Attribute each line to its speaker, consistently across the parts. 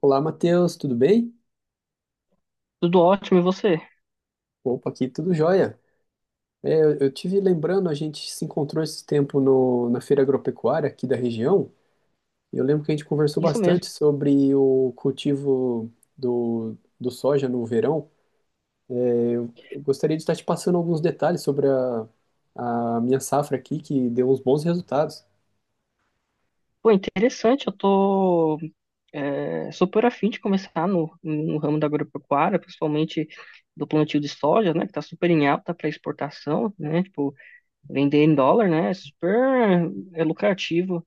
Speaker 1: Olá, Matheus, tudo bem?
Speaker 2: Tudo ótimo, e você?
Speaker 1: Opa, aqui tudo jóia. Eu tive lembrando, a gente se encontrou esse tempo no, na feira agropecuária aqui da região, e eu lembro que a gente conversou
Speaker 2: Isso
Speaker 1: bastante
Speaker 2: mesmo.
Speaker 1: sobre o cultivo do soja no verão. Eu gostaria de estar te passando alguns detalhes sobre a minha safra aqui, que deu uns bons resultados.
Speaker 2: Pô, interessante, eu tô super afim de começar no ramo da agropecuária, principalmente do plantio de soja, né, que tá super em alta para exportação, né, tipo, vender em dólar, né, é super lucrativo.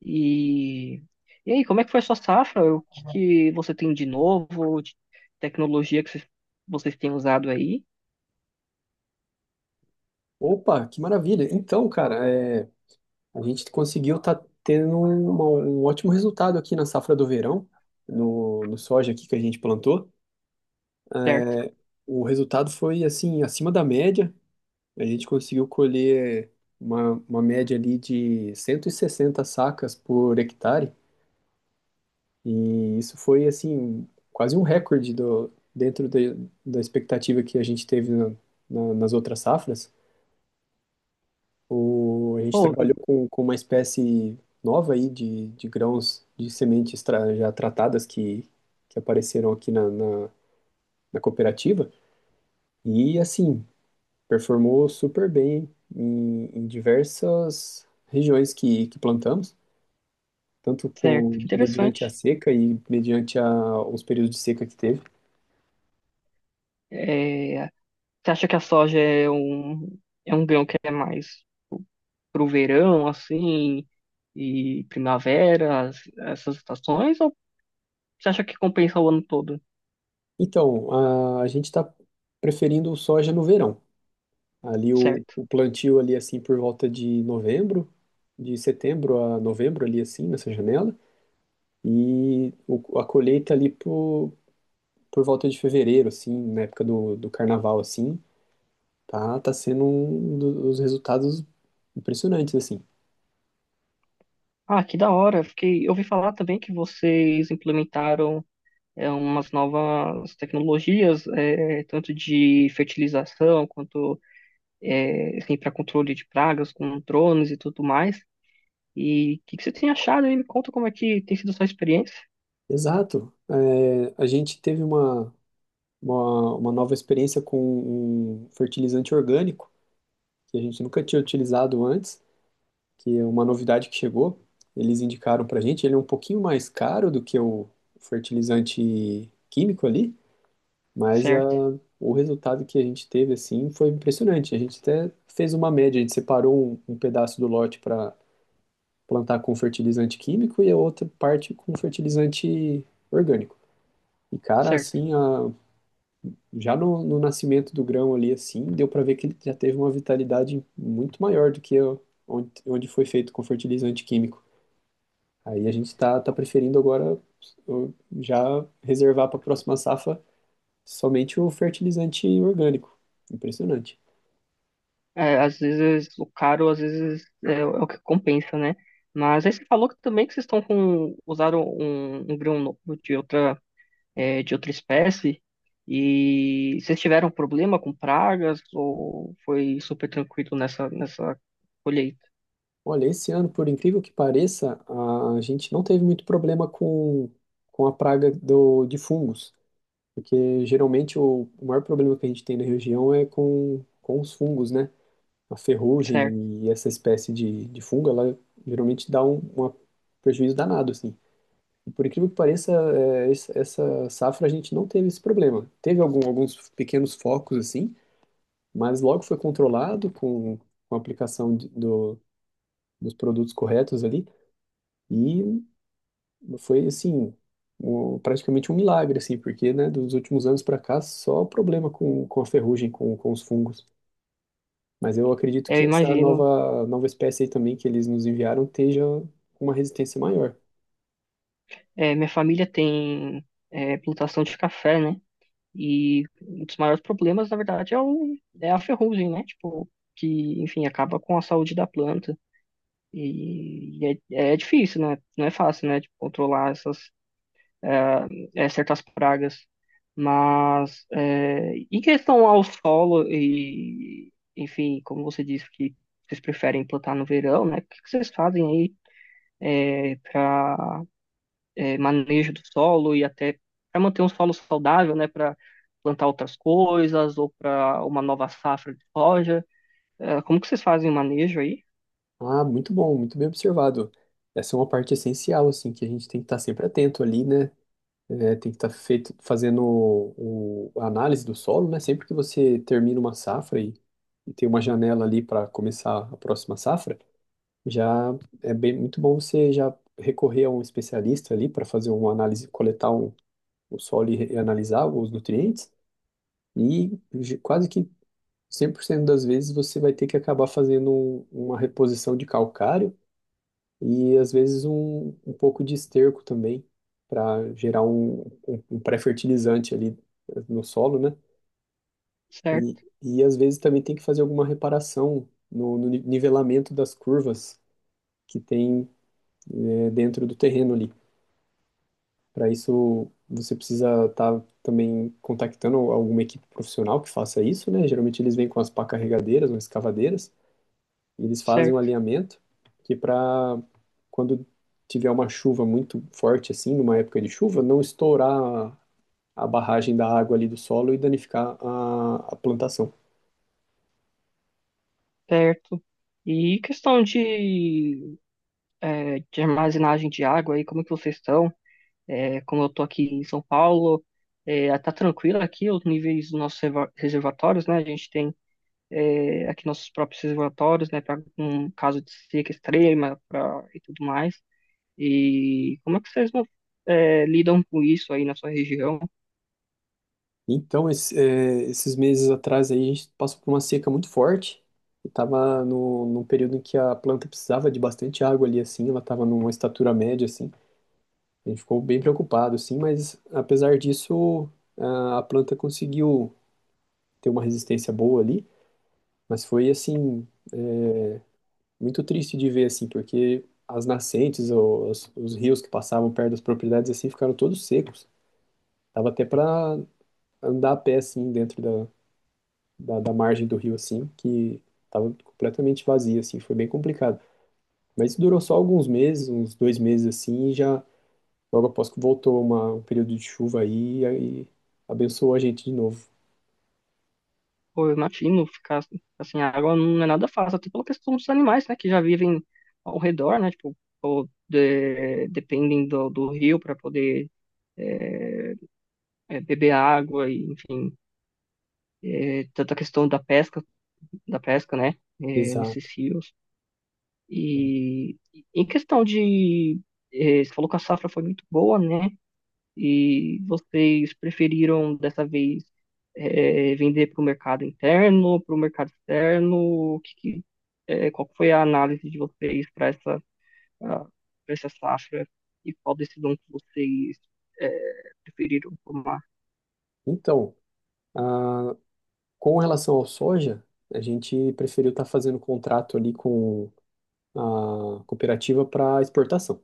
Speaker 2: E, e aí, como é que foi a sua safra? O que você tem de novo, de tecnologia que vocês têm usado aí?
Speaker 1: Opa, que maravilha! Então, cara, a gente conseguiu estar tendo um ótimo resultado aqui na safra do verão, no soja aqui que a gente plantou.
Speaker 2: Certo.
Speaker 1: O resultado foi assim, acima da média. A gente conseguiu colher uma média ali de 160 sacas por hectare. E isso foi assim, quase um recorde dentro da expectativa que a gente teve nas outras safras. A gente
Speaker 2: Pô,
Speaker 1: trabalhou com uma espécie nova aí de grãos de sementes já tratadas que apareceram aqui na, na cooperativa. E assim, performou super bem em diversas regiões que plantamos, tanto
Speaker 2: certo,
Speaker 1: com
Speaker 2: que
Speaker 1: mediante a
Speaker 2: interessante.
Speaker 1: seca e mediante os períodos de seca que teve.
Speaker 2: É, Você acha que a soja é é um grão que é mais pro verão, assim, e primavera, essas estações, ou você acha que compensa o ano todo?
Speaker 1: Então, a gente está preferindo soja no verão. Ali
Speaker 2: Certo?
Speaker 1: o plantio ali assim por volta de novembro, de setembro a novembro ali assim nessa janela e a colheita ali por volta de fevereiro assim, na época do carnaval assim. Tá sendo um dos resultados impressionantes, assim.
Speaker 2: Ah, que da hora. Fiquei, eu ouvi falar também que vocês implementaram umas novas tecnologias, tanto de fertilização quanto assim, para controle de pragas com drones e tudo mais. E o que você tem achado aí? Me conta como é que tem sido a sua experiência.
Speaker 1: Exato. A gente teve uma nova experiência com um fertilizante orgânico, que a gente nunca tinha utilizado antes, que é uma novidade que chegou. Eles indicaram pra gente, ele é um pouquinho mais caro do que o fertilizante químico ali, mas
Speaker 2: Certo,
Speaker 1: o resultado que a gente teve, assim, foi impressionante. A gente até fez uma média, a gente separou um pedaço do lote para plantar com fertilizante químico e a outra parte com fertilizante orgânico. E, cara,
Speaker 2: certo.
Speaker 1: assim, já no nascimento do grão ali, assim, deu para ver que ele já teve uma vitalidade muito maior do que onde, onde foi feito com fertilizante químico. Aí a gente tá preferindo agora uh, já reservar para a próxima safra somente o fertilizante orgânico. Impressionante.
Speaker 2: É, às vezes o caro, o é o que compensa, né? Mas aí você falou que também que vocês estão com usaram um grão novo de outra de outra espécie e vocês tiveram problema com pragas ou foi super tranquilo nessa colheita?
Speaker 1: Olha, esse ano, por incrível que pareça, a gente não teve muito problema com a praga de fungos. Porque geralmente o maior problema que a gente tem na região é com os fungos, né? A
Speaker 2: Certo?
Speaker 1: ferrugem e essa espécie de fungo, ela geralmente dá um prejuízo danado, assim. E por incrível que pareça, essa safra a gente não teve esse problema. Teve alguns pequenos focos, assim, mas logo foi controlado com a aplicação dos produtos corretos ali. E foi assim, praticamente um milagre, assim, porque, né, dos últimos anos para cá, só problema com a ferrugem, com os fungos. Mas eu acredito
Speaker 2: É, eu
Speaker 1: que essa
Speaker 2: imagino.
Speaker 1: nova espécie aí também que eles nos enviaram esteja com uma resistência maior.
Speaker 2: É, minha família tem plantação de café, né? E um dos maiores problemas, na verdade, é a ferrugem, né? Tipo, que, enfim, acaba com a saúde da planta. E é, é difícil, né? Não é fácil, né? Tipo, controlar essas certas pragas. Mas é, em questão ao solo e, enfim, como você disse que vocês preferem plantar no verão, né? O que que vocês fazem aí para manejo do solo e até para manter um solo saudável, né? Para plantar outras coisas ou para uma nova safra de soja? É, como que vocês fazem o manejo aí?
Speaker 1: Ah, muito bom, muito bem observado. Essa é uma parte essencial, assim, que a gente tem que estar sempre atento ali, né? É, tem que estar feito, fazendo a análise do solo, né? Sempre que você termina uma safra e tem uma janela ali para começar a próxima safra, já é bem muito bom você já recorrer a um especialista ali para fazer uma análise, coletar o solo e analisar os nutrientes, e quase que 100% das vezes você vai ter que acabar fazendo uma reposição de calcário e às vezes um pouco de esterco também para gerar um pré-fertilizante ali no solo, né?
Speaker 2: Certo,
Speaker 1: E às vezes também tem que fazer alguma reparação no, no ni- nivelamento das curvas que tem, dentro do terreno ali. Para isso, você precisa estar também contactando alguma equipe profissional que faça isso, né? Geralmente eles vêm com as pá carregadeiras, ou escavadeiras, e eles fazem um
Speaker 2: certo.
Speaker 1: alinhamento que para quando tiver uma chuva muito forte assim, numa época de chuva, não estourar a barragem da água ali do solo e danificar a plantação.
Speaker 2: Certo. E questão é, de armazenagem de água aí, como que vocês estão? É, como eu tô aqui em São Paulo, é, tá tranquilo aqui os níveis dos nossos reservatórios, né? A gente tem aqui nossos próprios reservatórios, né? Para um caso de seca extrema pra, e tudo mais. E como é que vocês lidam com isso aí na sua região?
Speaker 1: Então, esses meses atrás aí, a gente passou por uma seca muito forte. E tava no, num período em que a planta precisava de bastante água ali, assim. Ela tava numa estatura média, assim. A gente ficou bem preocupado, assim. Mas, apesar disso, a planta conseguiu ter uma resistência boa ali. Mas foi, assim, muito triste de ver, assim. Porque as nascentes, os rios que passavam perto das propriedades, assim, ficaram todos secos. Tava até para andar a pé, assim, dentro da margem do rio, assim, que tava completamente vazia, assim, foi bem complicado. Mas durou só alguns meses, uns 2 meses, assim, e já logo após que voltou um período de chuva aí, e aí abençoou a gente de novo.
Speaker 2: Pô, eu imagino ficar assim, a água não é nada fácil, até pela questão dos animais, né, que já vivem ao redor, né, tipo, ou dependem do rio para poder é, beber água e, enfim, é, tanta questão da pesca, né, é, nesses
Speaker 1: Exato.
Speaker 2: rios. E em questão você falou que a safra foi muito boa, né, e vocês preferiram dessa vez vender para o mercado interno, para o mercado externo? O qual que foi a análise de vocês para ah, pra essa safra e qual decisão que vocês preferiram tomar?
Speaker 1: Então, ah, com relação ao soja, a gente preferiu estar fazendo contrato ali com a cooperativa para exportação,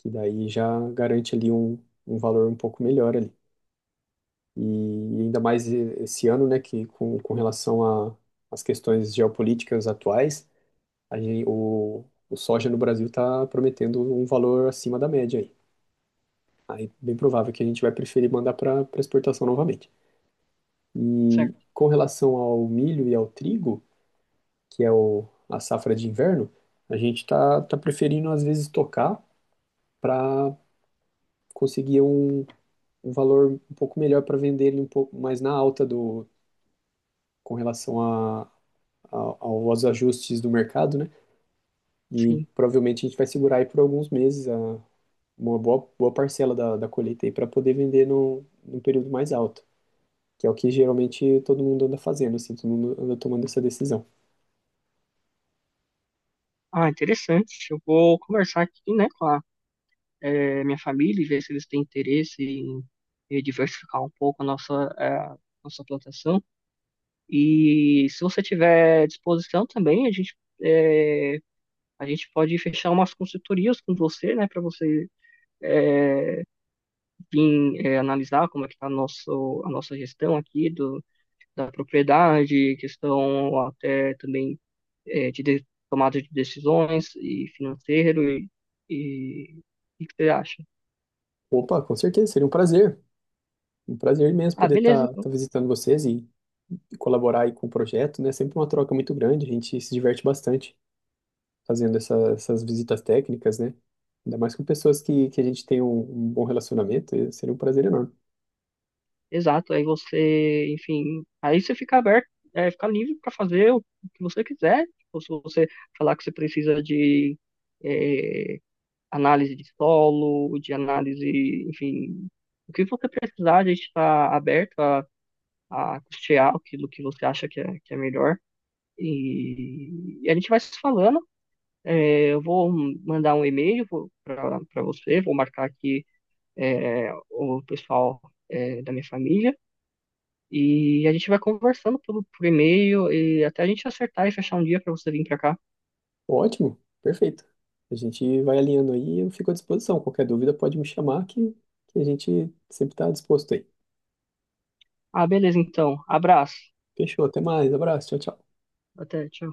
Speaker 1: que daí já garante ali um valor um pouco melhor ali. E ainda mais esse ano, né, que com relação a- às questões geopolíticas atuais, a gente, o soja no Brasil está prometendo um valor acima da média aí. Aí, bem provável que a gente vai preferir mandar para exportação novamente. E
Speaker 2: Certo?
Speaker 1: com relação ao milho e ao trigo, que é a safra de inverno, a gente está preferindo às vezes tocar para conseguir um valor um pouco melhor para vender ele um pouco mais na alta do, com relação a aos ajustes do mercado, né? E
Speaker 2: Sim.
Speaker 1: provavelmente a gente vai segurar aí por alguns meses uma boa parcela da colheita aí para poder vender num, num período mais alto, que é o que geralmente todo mundo anda fazendo, assim, todo mundo anda tomando essa decisão.
Speaker 2: Ah, interessante. Eu vou conversar aqui, né, com a minha família e ver se eles têm interesse em diversificar um pouco a nossa plantação. E se você tiver disposição também, é, a gente pode fechar umas consultorias com você, né, para você vir analisar como é que está a nossa gestão aqui do, da propriedade, questão até também de tomada de decisões e financeiro e o que que você acha?
Speaker 1: Opa, com certeza, seria um prazer imenso
Speaker 2: Ah,
Speaker 1: poder
Speaker 2: beleza,
Speaker 1: estar
Speaker 2: então.
Speaker 1: visitando vocês e colaborar aí com o projeto, né? É sempre uma troca muito grande, a gente se diverte bastante fazendo essas visitas técnicas, né? Ainda mais com pessoas que a gente tem um bom relacionamento, e seria um prazer enorme.
Speaker 2: Exato, aí você, enfim, aí você fica aberto, fica livre para fazer o que você quiser. Tipo, se você falar que você precisa de é, análise de solo, de análise, enfim, o que você precisar, a gente está aberto a custear aquilo que você acha que é melhor. E a gente vai se falando. É, eu vou mandar um e-mail para você, vou marcar aqui o pessoal da minha família. E a gente vai conversando por e-mail e até a gente acertar e fechar um dia para você vir para cá.
Speaker 1: Ótimo, perfeito. A gente vai alinhando aí e eu fico à disposição. Qualquer dúvida pode me chamar que a gente sempre está disposto aí.
Speaker 2: Ah, beleza, então. Abraço.
Speaker 1: Fechou, até mais, abraço, tchau, tchau.
Speaker 2: Até, tchau.